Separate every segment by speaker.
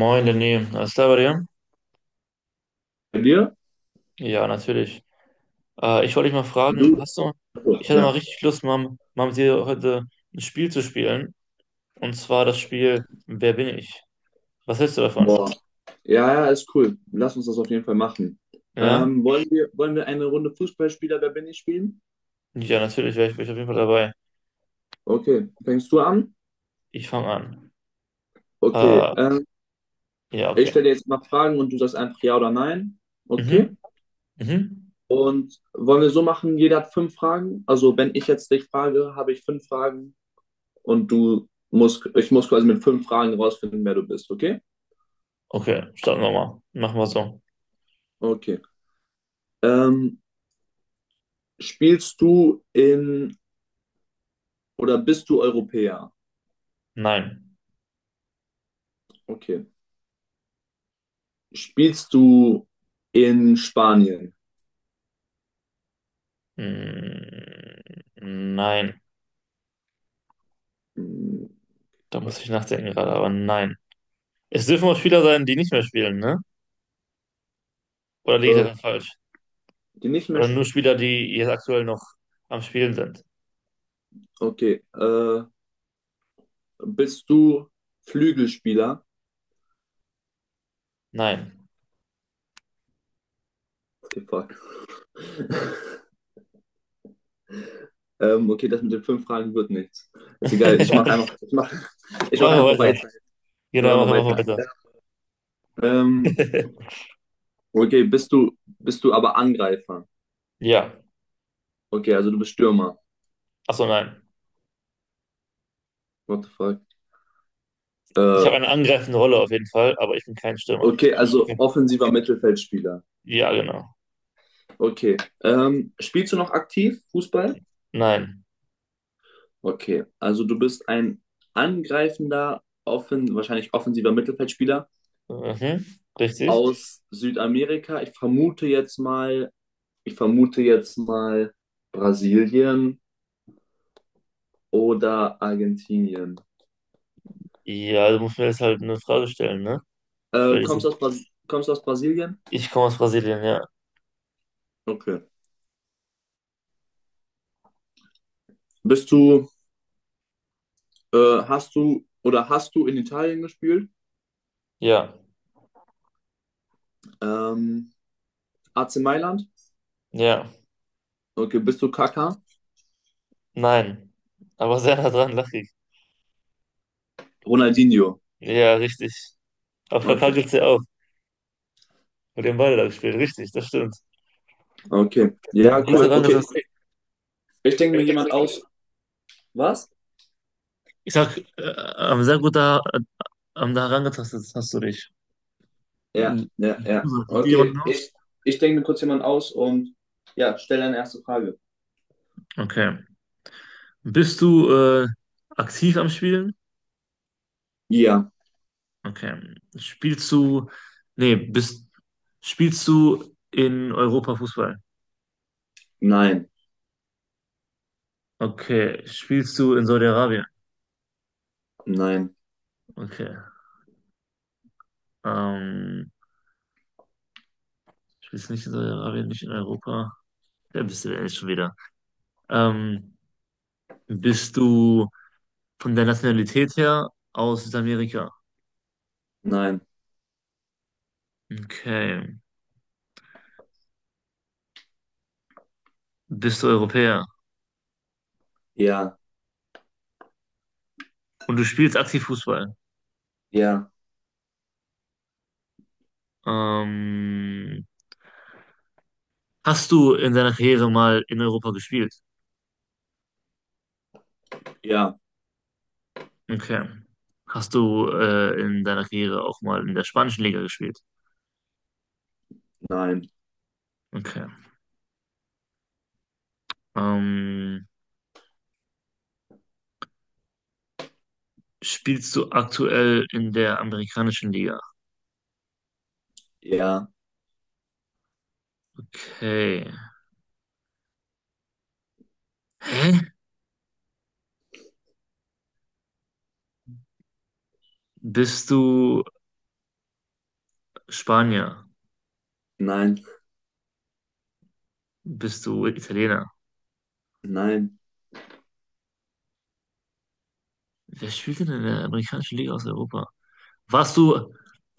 Speaker 1: Moin, Lenny. Alles klar bei dir?
Speaker 2: Bei dir?
Speaker 1: Ja, natürlich. Ich wollte dich mal fragen,
Speaker 2: Du?
Speaker 1: hast du,
Speaker 2: Achso,
Speaker 1: ich hatte mal
Speaker 2: ja.
Speaker 1: richtig Lust, mal mit dir heute ein Spiel zu spielen. Und zwar das Spiel Wer bin ich? Was hältst du davon?
Speaker 2: Boah. Ja, ja, ist cool. Lass uns das auf jeden Fall machen.
Speaker 1: Ja?
Speaker 2: Wollen wir eine Runde Fußballspieler, wer bin ich spielen?
Speaker 1: Ja, natürlich, wär ich auf jeden Fall dabei.
Speaker 2: Okay. Fängst du an?
Speaker 1: Ich fange an.
Speaker 2: Okay.
Speaker 1: Äh, ja,
Speaker 2: Ich
Speaker 1: okay.
Speaker 2: stelle dir jetzt mal Fragen und du sagst einfach ja oder nein. Okay.
Speaker 1: Mhm, mhm.
Speaker 2: Und wollen wir so machen, jeder hat fünf Fragen. Also wenn ich jetzt dich frage, habe ich fünf Fragen und du musst, ich muss quasi mit fünf Fragen rausfinden, wer du bist, okay?
Speaker 1: Okay, starten wir mal. Machen wir so.
Speaker 2: Okay. Ähm, spielst du in oder bist du Europäer?
Speaker 1: Nein.
Speaker 2: Okay. Spielst du in Spanien?
Speaker 1: Mm, nein.
Speaker 2: Hm,
Speaker 1: Da muss ich nachdenken gerade, aber nein. Es dürfen auch Spieler sein, die nicht mehr spielen, ne? Oder liege ich
Speaker 2: Äh,
Speaker 1: daran falsch?
Speaker 2: die nicht mehr.
Speaker 1: Oder
Speaker 2: Sp-
Speaker 1: nur Spieler, die jetzt aktuell noch am Spielen sind?
Speaker 2: Okay. Bist du Flügelspieler?
Speaker 1: Nein.
Speaker 2: Okay, fuck. Okay, das mit den fünf Fragen wird nichts. Ist egal. Ich mach
Speaker 1: Machen
Speaker 2: einfach. Ich mach, ich mach
Speaker 1: wir
Speaker 2: einfach
Speaker 1: weiter.
Speaker 2: weiter. Ich mach
Speaker 1: Genau,
Speaker 2: einfach
Speaker 1: machen wir
Speaker 2: weiter.
Speaker 1: weiter.
Speaker 2: Ähm, okay, bist du aber Angreifer?
Speaker 1: Ja.
Speaker 2: Okay, also du bist Stürmer.
Speaker 1: Achso, nein.
Speaker 2: What the fuck?
Speaker 1: Ich
Speaker 2: Äh,
Speaker 1: habe eine angreifende Rolle auf jeden Fall, aber ich bin kein Stürmer.
Speaker 2: okay, also offensiver Mittelfeldspieler.
Speaker 1: Ja, genau.
Speaker 2: Okay. Spielst du noch aktiv Fußball?
Speaker 1: Nein.
Speaker 2: Okay, also du bist ein angreifender, offen, wahrscheinlich offensiver Mittelfeldspieler
Speaker 1: Mhm. Richtig?
Speaker 2: aus Südamerika. Ich vermute jetzt mal Brasilien oder Argentinien.
Speaker 1: Ja, du musst mir jetzt halt eine Frage stellen, ne? Ich
Speaker 2: Äh,
Speaker 1: werde diese.
Speaker 2: kommst aus Bras kommst aus Brasilien?
Speaker 1: Ich komme aus Brasilien, ja.
Speaker 2: Okay. Bist du, äh, hast du oder hast du in Italien gespielt?
Speaker 1: Ja.
Speaker 2: Ähm, AC Mailand?
Speaker 1: Ja.
Speaker 2: Okay, bist du Kaká?
Speaker 1: Nein. Aber sehr nah dran, lachig.
Speaker 2: Ronaldinho.
Speaker 1: Ja, richtig. Auf Kaká
Speaker 2: Okay,
Speaker 1: gibt's ja auch. Mit dem Ball da gespielt. Richtig, das stimmt.
Speaker 2: okay. Ja, cool. Okay,
Speaker 1: Gut.
Speaker 2: ich denke mir jemand aus. Was?
Speaker 1: Ich sag, sehr gut da, da herangetastet hast du dich.
Speaker 2: Ja,
Speaker 1: Mhm.
Speaker 2: ja, ja.
Speaker 1: Sieht dir
Speaker 2: Okay,
Speaker 1: jemand aus?
Speaker 2: ich denke mir kurz jemand aus und ja, stell deine erste Frage.
Speaker 1: Okay. Bist du aktiv am Spielen?
Speaker 2: Ja,
Speaker 1: Okay. Nee, bist, Spielst du in Europa Fußball?
Speaker 2: nein,
Speaker 1: Okay. Spielst du in Saudi-Arabien?
Speaker 2: nein,
Speaker 1: Okay. Ähm, Spielst du nicht in Saudi-Arabien, nicht in Europa? Wer bist du denn jetzt schon wieder? Ähm, Bist du von der Nationalität her aus Südamerika?
Speaker 2: nein,
Speaker 1: Okay. Bist du Europäer
Speaker 2: ja,
Speaker 1: und du spielst aktiv Fußball.
Speaker 2: ja,
Speaker 1: Ähm, Hast du in deiner Karriere mal in Europa gespielt?
Speaker 2: ja,
Speaker 1: Okay. Hast du in deiner Karriere auch mal in der spanischen Liga gespielt?
Speaker 2: nein,
Speaker 1: Okay. Ähm, Spielst du aktuell in der amerikanischen Liga?
Speaker 2: ja,
Speaker 1: Okay. Hä? Bist du Spanier?
Speaker 2: nein,
Speaker 1: Bist du Italiener?
Speaker 2: nein.
Speaker 1: Wer spielt denn in der amerikanischen Liga aus Europa? Warst du,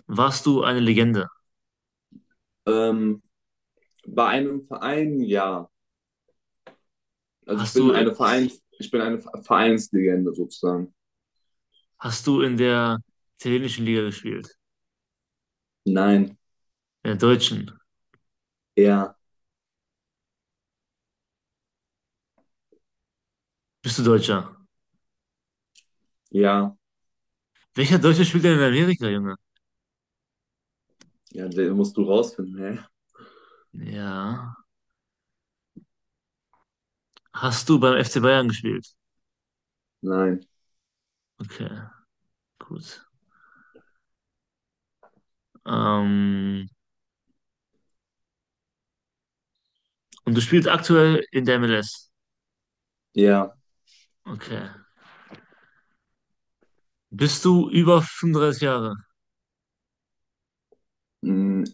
Speaker 1: warst du eine Legende?
Speaker 2: Ähm, bei einem Verein, ja. Also
Speaker 1: Hast du
Speaker 2: ich bin eine Vereinslegende sozusagen.
Speaker 1: Hast du in der italienischen Liga gespielt?
Speaker 2: Nein,
Speaker 1: In der deutschen?
Speaker 2: ja,
Speaker 1: Bist du Deutscher?
Speaker 2: ja,
Speaker 1: Welcher Deutsche spielt denn in Amerika, Junge?
Speaker 2: ja, den musst du rausfinden, hä?
Speaker 1: Ja. Hast du beim FC Bayern gespielt?
Speaker 2: Nein,
Speaker 1: Okay, gut. Ähm, und du spielst aktuell in der MLS?
Speaker 2: ja,
Speaker 1: Okay. Bist du über 35 Jahre?
Speaker 2: mm,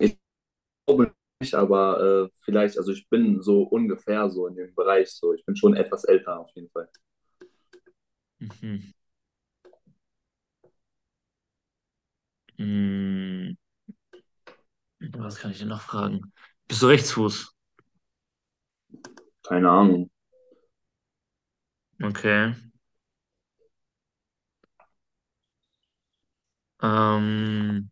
Speaker 2: glaube nicht, aber vielleicht, also ich bin so ungefähr so in dem Bereich so. Ich bin schon etwas älter auf jeden Fall.
Speaker 1: Mhm. Hm, was kann ich denn noch fragen? Bist du Rechtsfuß?
Speaker 2: Keine Ahnung.
Speaker 1: Okay. Ähm,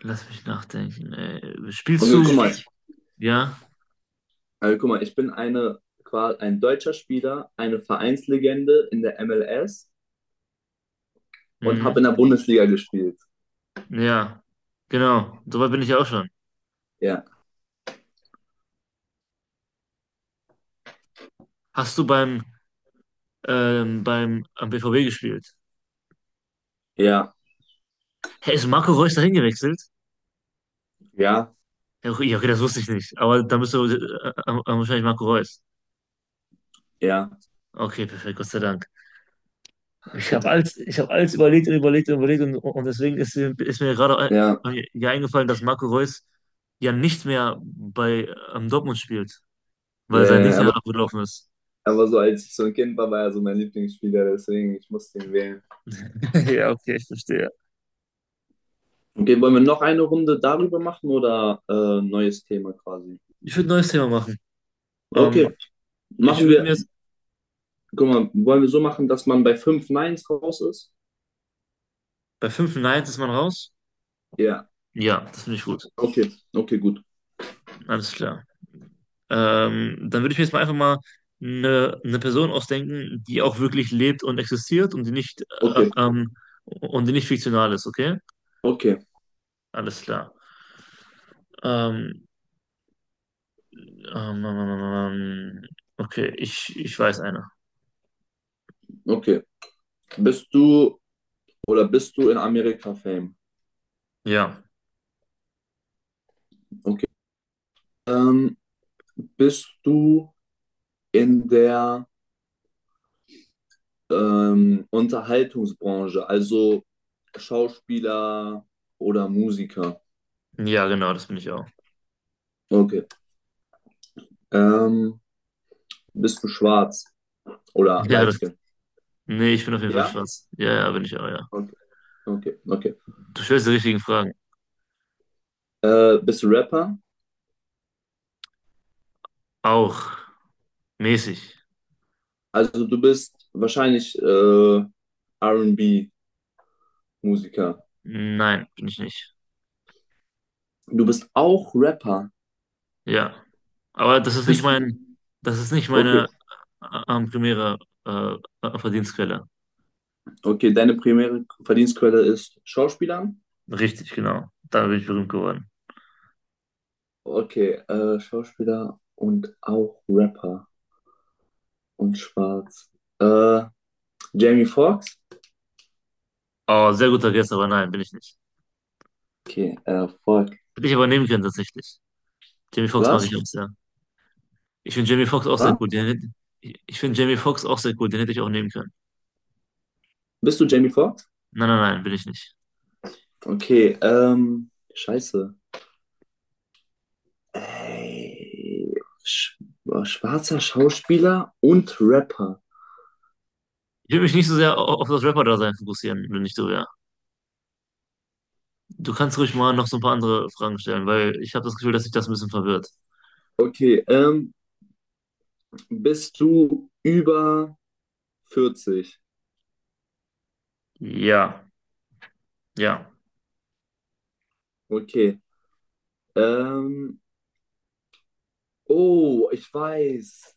Speaker 1: Lass mich nachdenken.
Speaker 2: Und
Speaker 1: Spielst du? Ja.
Speaker 2: guck mal, ich bin ein deutscher Spieler, eine Vereinslegende in der MLS und
Speaker 1: Mhm.
Speaker 2: habe in der Bundesliga gespielt.
Speaker 1: Ja, genau. Soweit bin ich ja auch schon.
Speaker 2: Ja,
Speaker 1: Hast du beim, beim am BVB gespielt?
Speaker 2: ja,
Speaker 1: Hä, ist Marco Reus dahin gewechselt?
Speaker 2: ja,
Speaker 1: Ja, okay, ja, okay, das wusste ich nicht. Aber dann bist du wahrscheinlich Marco Reus.
Speaker 2: ja,
Speaker 1: Okay, perfekt, Gott sei Dank. Ich habe alles überlegt und überlegt und überlegt und deswegen ist mir gerade
Speaker 2: ja,
Speaker 1: ein, ja eingefallen, dass Marco Reus ja nicht mehr bei Dortmund spielt,
Speaker 2: ja,
Speaker 1: weil sein
Speaker 2: ja,
Speaker 1: Dienstag abgelaufen ist.
Speaker 2: aber so als ich so ein Kind war, war er so mein Lieblingsspieler, deswegen ich musste ihn wählen.
Speaker 1: Ja, okay, ich verstehe.
Speaker 2: Okay, wollen wir noch eine Runde darüber machen oder neues Thema quasi?
Speaker 1: Ich würde ein neues Thema machen. Ähm,
Speaker 2: Okay,
Speaker 1: ich
Speaker 2: machen
Speaker 1: würde
Speaker 2: wir.
Speaker 1: mir jetzt,
Speaker 2: Guck mal, wollen wir so machen, dass man bei fünf Neins raus ist?
Speaker 1: bei 5 Nines ist man raus.
Speaker 2: Ja.
Speaker 1: Ja, das finde ich gut.
Speaker 2: Okay, okay, gut.
Speaker 1: Alles klar. Dann würde ich mir jetzt mal einfach mal eine Person ausdenken, die auch wirklich lebt und existiert
Speaker 2: Okay,
Speaker 1: und die nicht fiktional ist, okay?
Speaker 2: okay,
Speaker 1: Alles klar. Ähm, ähm, ähm, ähm, ähm, ähm, okay, ich weiß eine.
Speaker 2: okay. Bist du oder bist du in Amerika Fame?
Speaker 1: Ja.
Speaker 2: Okay. Ähm, bist du in der Unterhaltungsbranche, also Schauspieler oder Musiker?
Speaker 1: Ja, genau, das bin ich auch.
Speaker 2: Okay. Ähm, bist du schwarz oder
Speaker 1: Ja,
Speaker 2: light
Speaker 1: das,
Speaker 2: skin?
Speaker 1: ich bin auf jeden Fall
Speaker 2: Ja?
Speaker 1: schwarz. Ja, bin ich auch, ja.
Speaker 2: Okay, okay, okay.
Speaker 1: Du stellst die richtigen Fragen.
Speaker 2: Bist du Rapper?
Speaker 1: Auch mäßig.
Speaker 2: Also du bist wahrscheinlich R&B-Musiker.
Speaker 1: Nein, bin ich nicht.
Speaker 2: Du bist auch Rapper.
Speaker 1: Ja. Aber
Speaker 2: Bist du?
Speaker 1: das ist nicht meine
Speaker 2: Okay,
Speaker 1: am primäre äh, Verdienstquelle.
Speaker 2: okay. Deine primäre Verdienstquelle ist Schauspieler.
Speaker 1: Richtig, genau. Damit bin ich berühmt geworden.
Speaker 2: Okay, Schauspieler und auch Rapper und Schwarz. Äh, Jamie Foxx?
Speaker 1: Oh, sehr guter Guess, aber nein, bin ich nicht.
Speaker 2: Okay, Foxx.
Speaker 1: Hätte ich aber nehmen können, tatsächlich. Jamie Foxx mag ich
Speaker 2: Was?
Speaker 1: auch sehr. Ich finde Jamie Foxx auch sehr
Speaker 2: Was?
Speaker 1: gut. Den, hätte- Ich finde Jamie Foxx auch sehr gut. Den hätte ich auch nehmen können.
Speaker 2: Bist du Jamie Foxx?
Speaker 1: Nein, nein, nein, bin ich nicht.
Speaker 2: Okay, scheiße. Ey, sch schwarzer Schauspieler und Rapper.
Speaker 1: Ich will mich nicht so sehr auf das Rapper-Dasein fokussieren, wenn ich so wäre. Du kannst ruhig mal noch so ein paar andere Fragen stellen, weil ich habe das Gefühl, dass sich das ein bisschen verwirrt.
Speaker 2: Okay, bist du über 40?
Speaker 1: Ja, ja,
Speaker 2: Okay. Ähm, oh, ich weiß.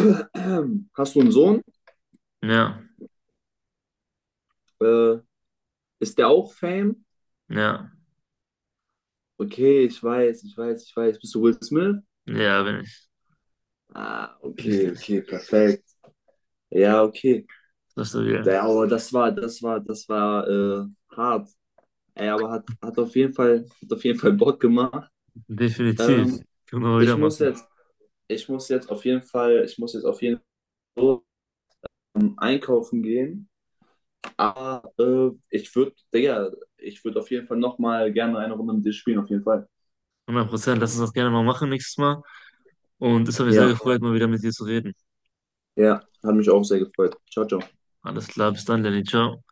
Speaker 2: Hast du einen Sohn?
Speaker 1: ja,
Speaker 2: Äh, ist der auch Fame?
Speaker 1: ja,
Speaker 2: Okay, ich weiß, ich weiß, ich weiß. Bist du Will Smith?
Speaker 1: ja, bin ich.
Speaker 2: Ah, okay,
Speaker 1: Richtig.
Speaker 2: okay, perfekt. Ja, okay.
Speaker 1: Das ist stabil.
Speaker 2: Ja, aber das war hart. Ey, aber hat auf jeden Fall, hat auf jeden Fall Bock gemacht.
Speaker 1: Definitiv.
Speaker 2: Ähm,
Speaker 1: Können wir mal wieder
Speaker 2: ich muss
Speaker 1: machen.
Speaker 2: jetzt, ich muss jetzt auf jeden Fall, ich muss jetzt auf jeden Fall so, einkaufen gehen. Aber ich würde, Digga, ich würde auf jeden Fall nochmal gerne eine Runde mit dir spielen, auf jeden Fall.
Speaker 1: 100%. Lass uns das gerne mal machen nächstes Mal. Und es hat mich sehr
Speaker 2: Ja,
Speaker 1: gefreut, mal wieder mit dir zu reden.
Speaker 2: ja, hat mich auch sehr gefreut. Ciao, ciao.
Speaker 1: Alles klar, bis dann, Lenny. Ciao.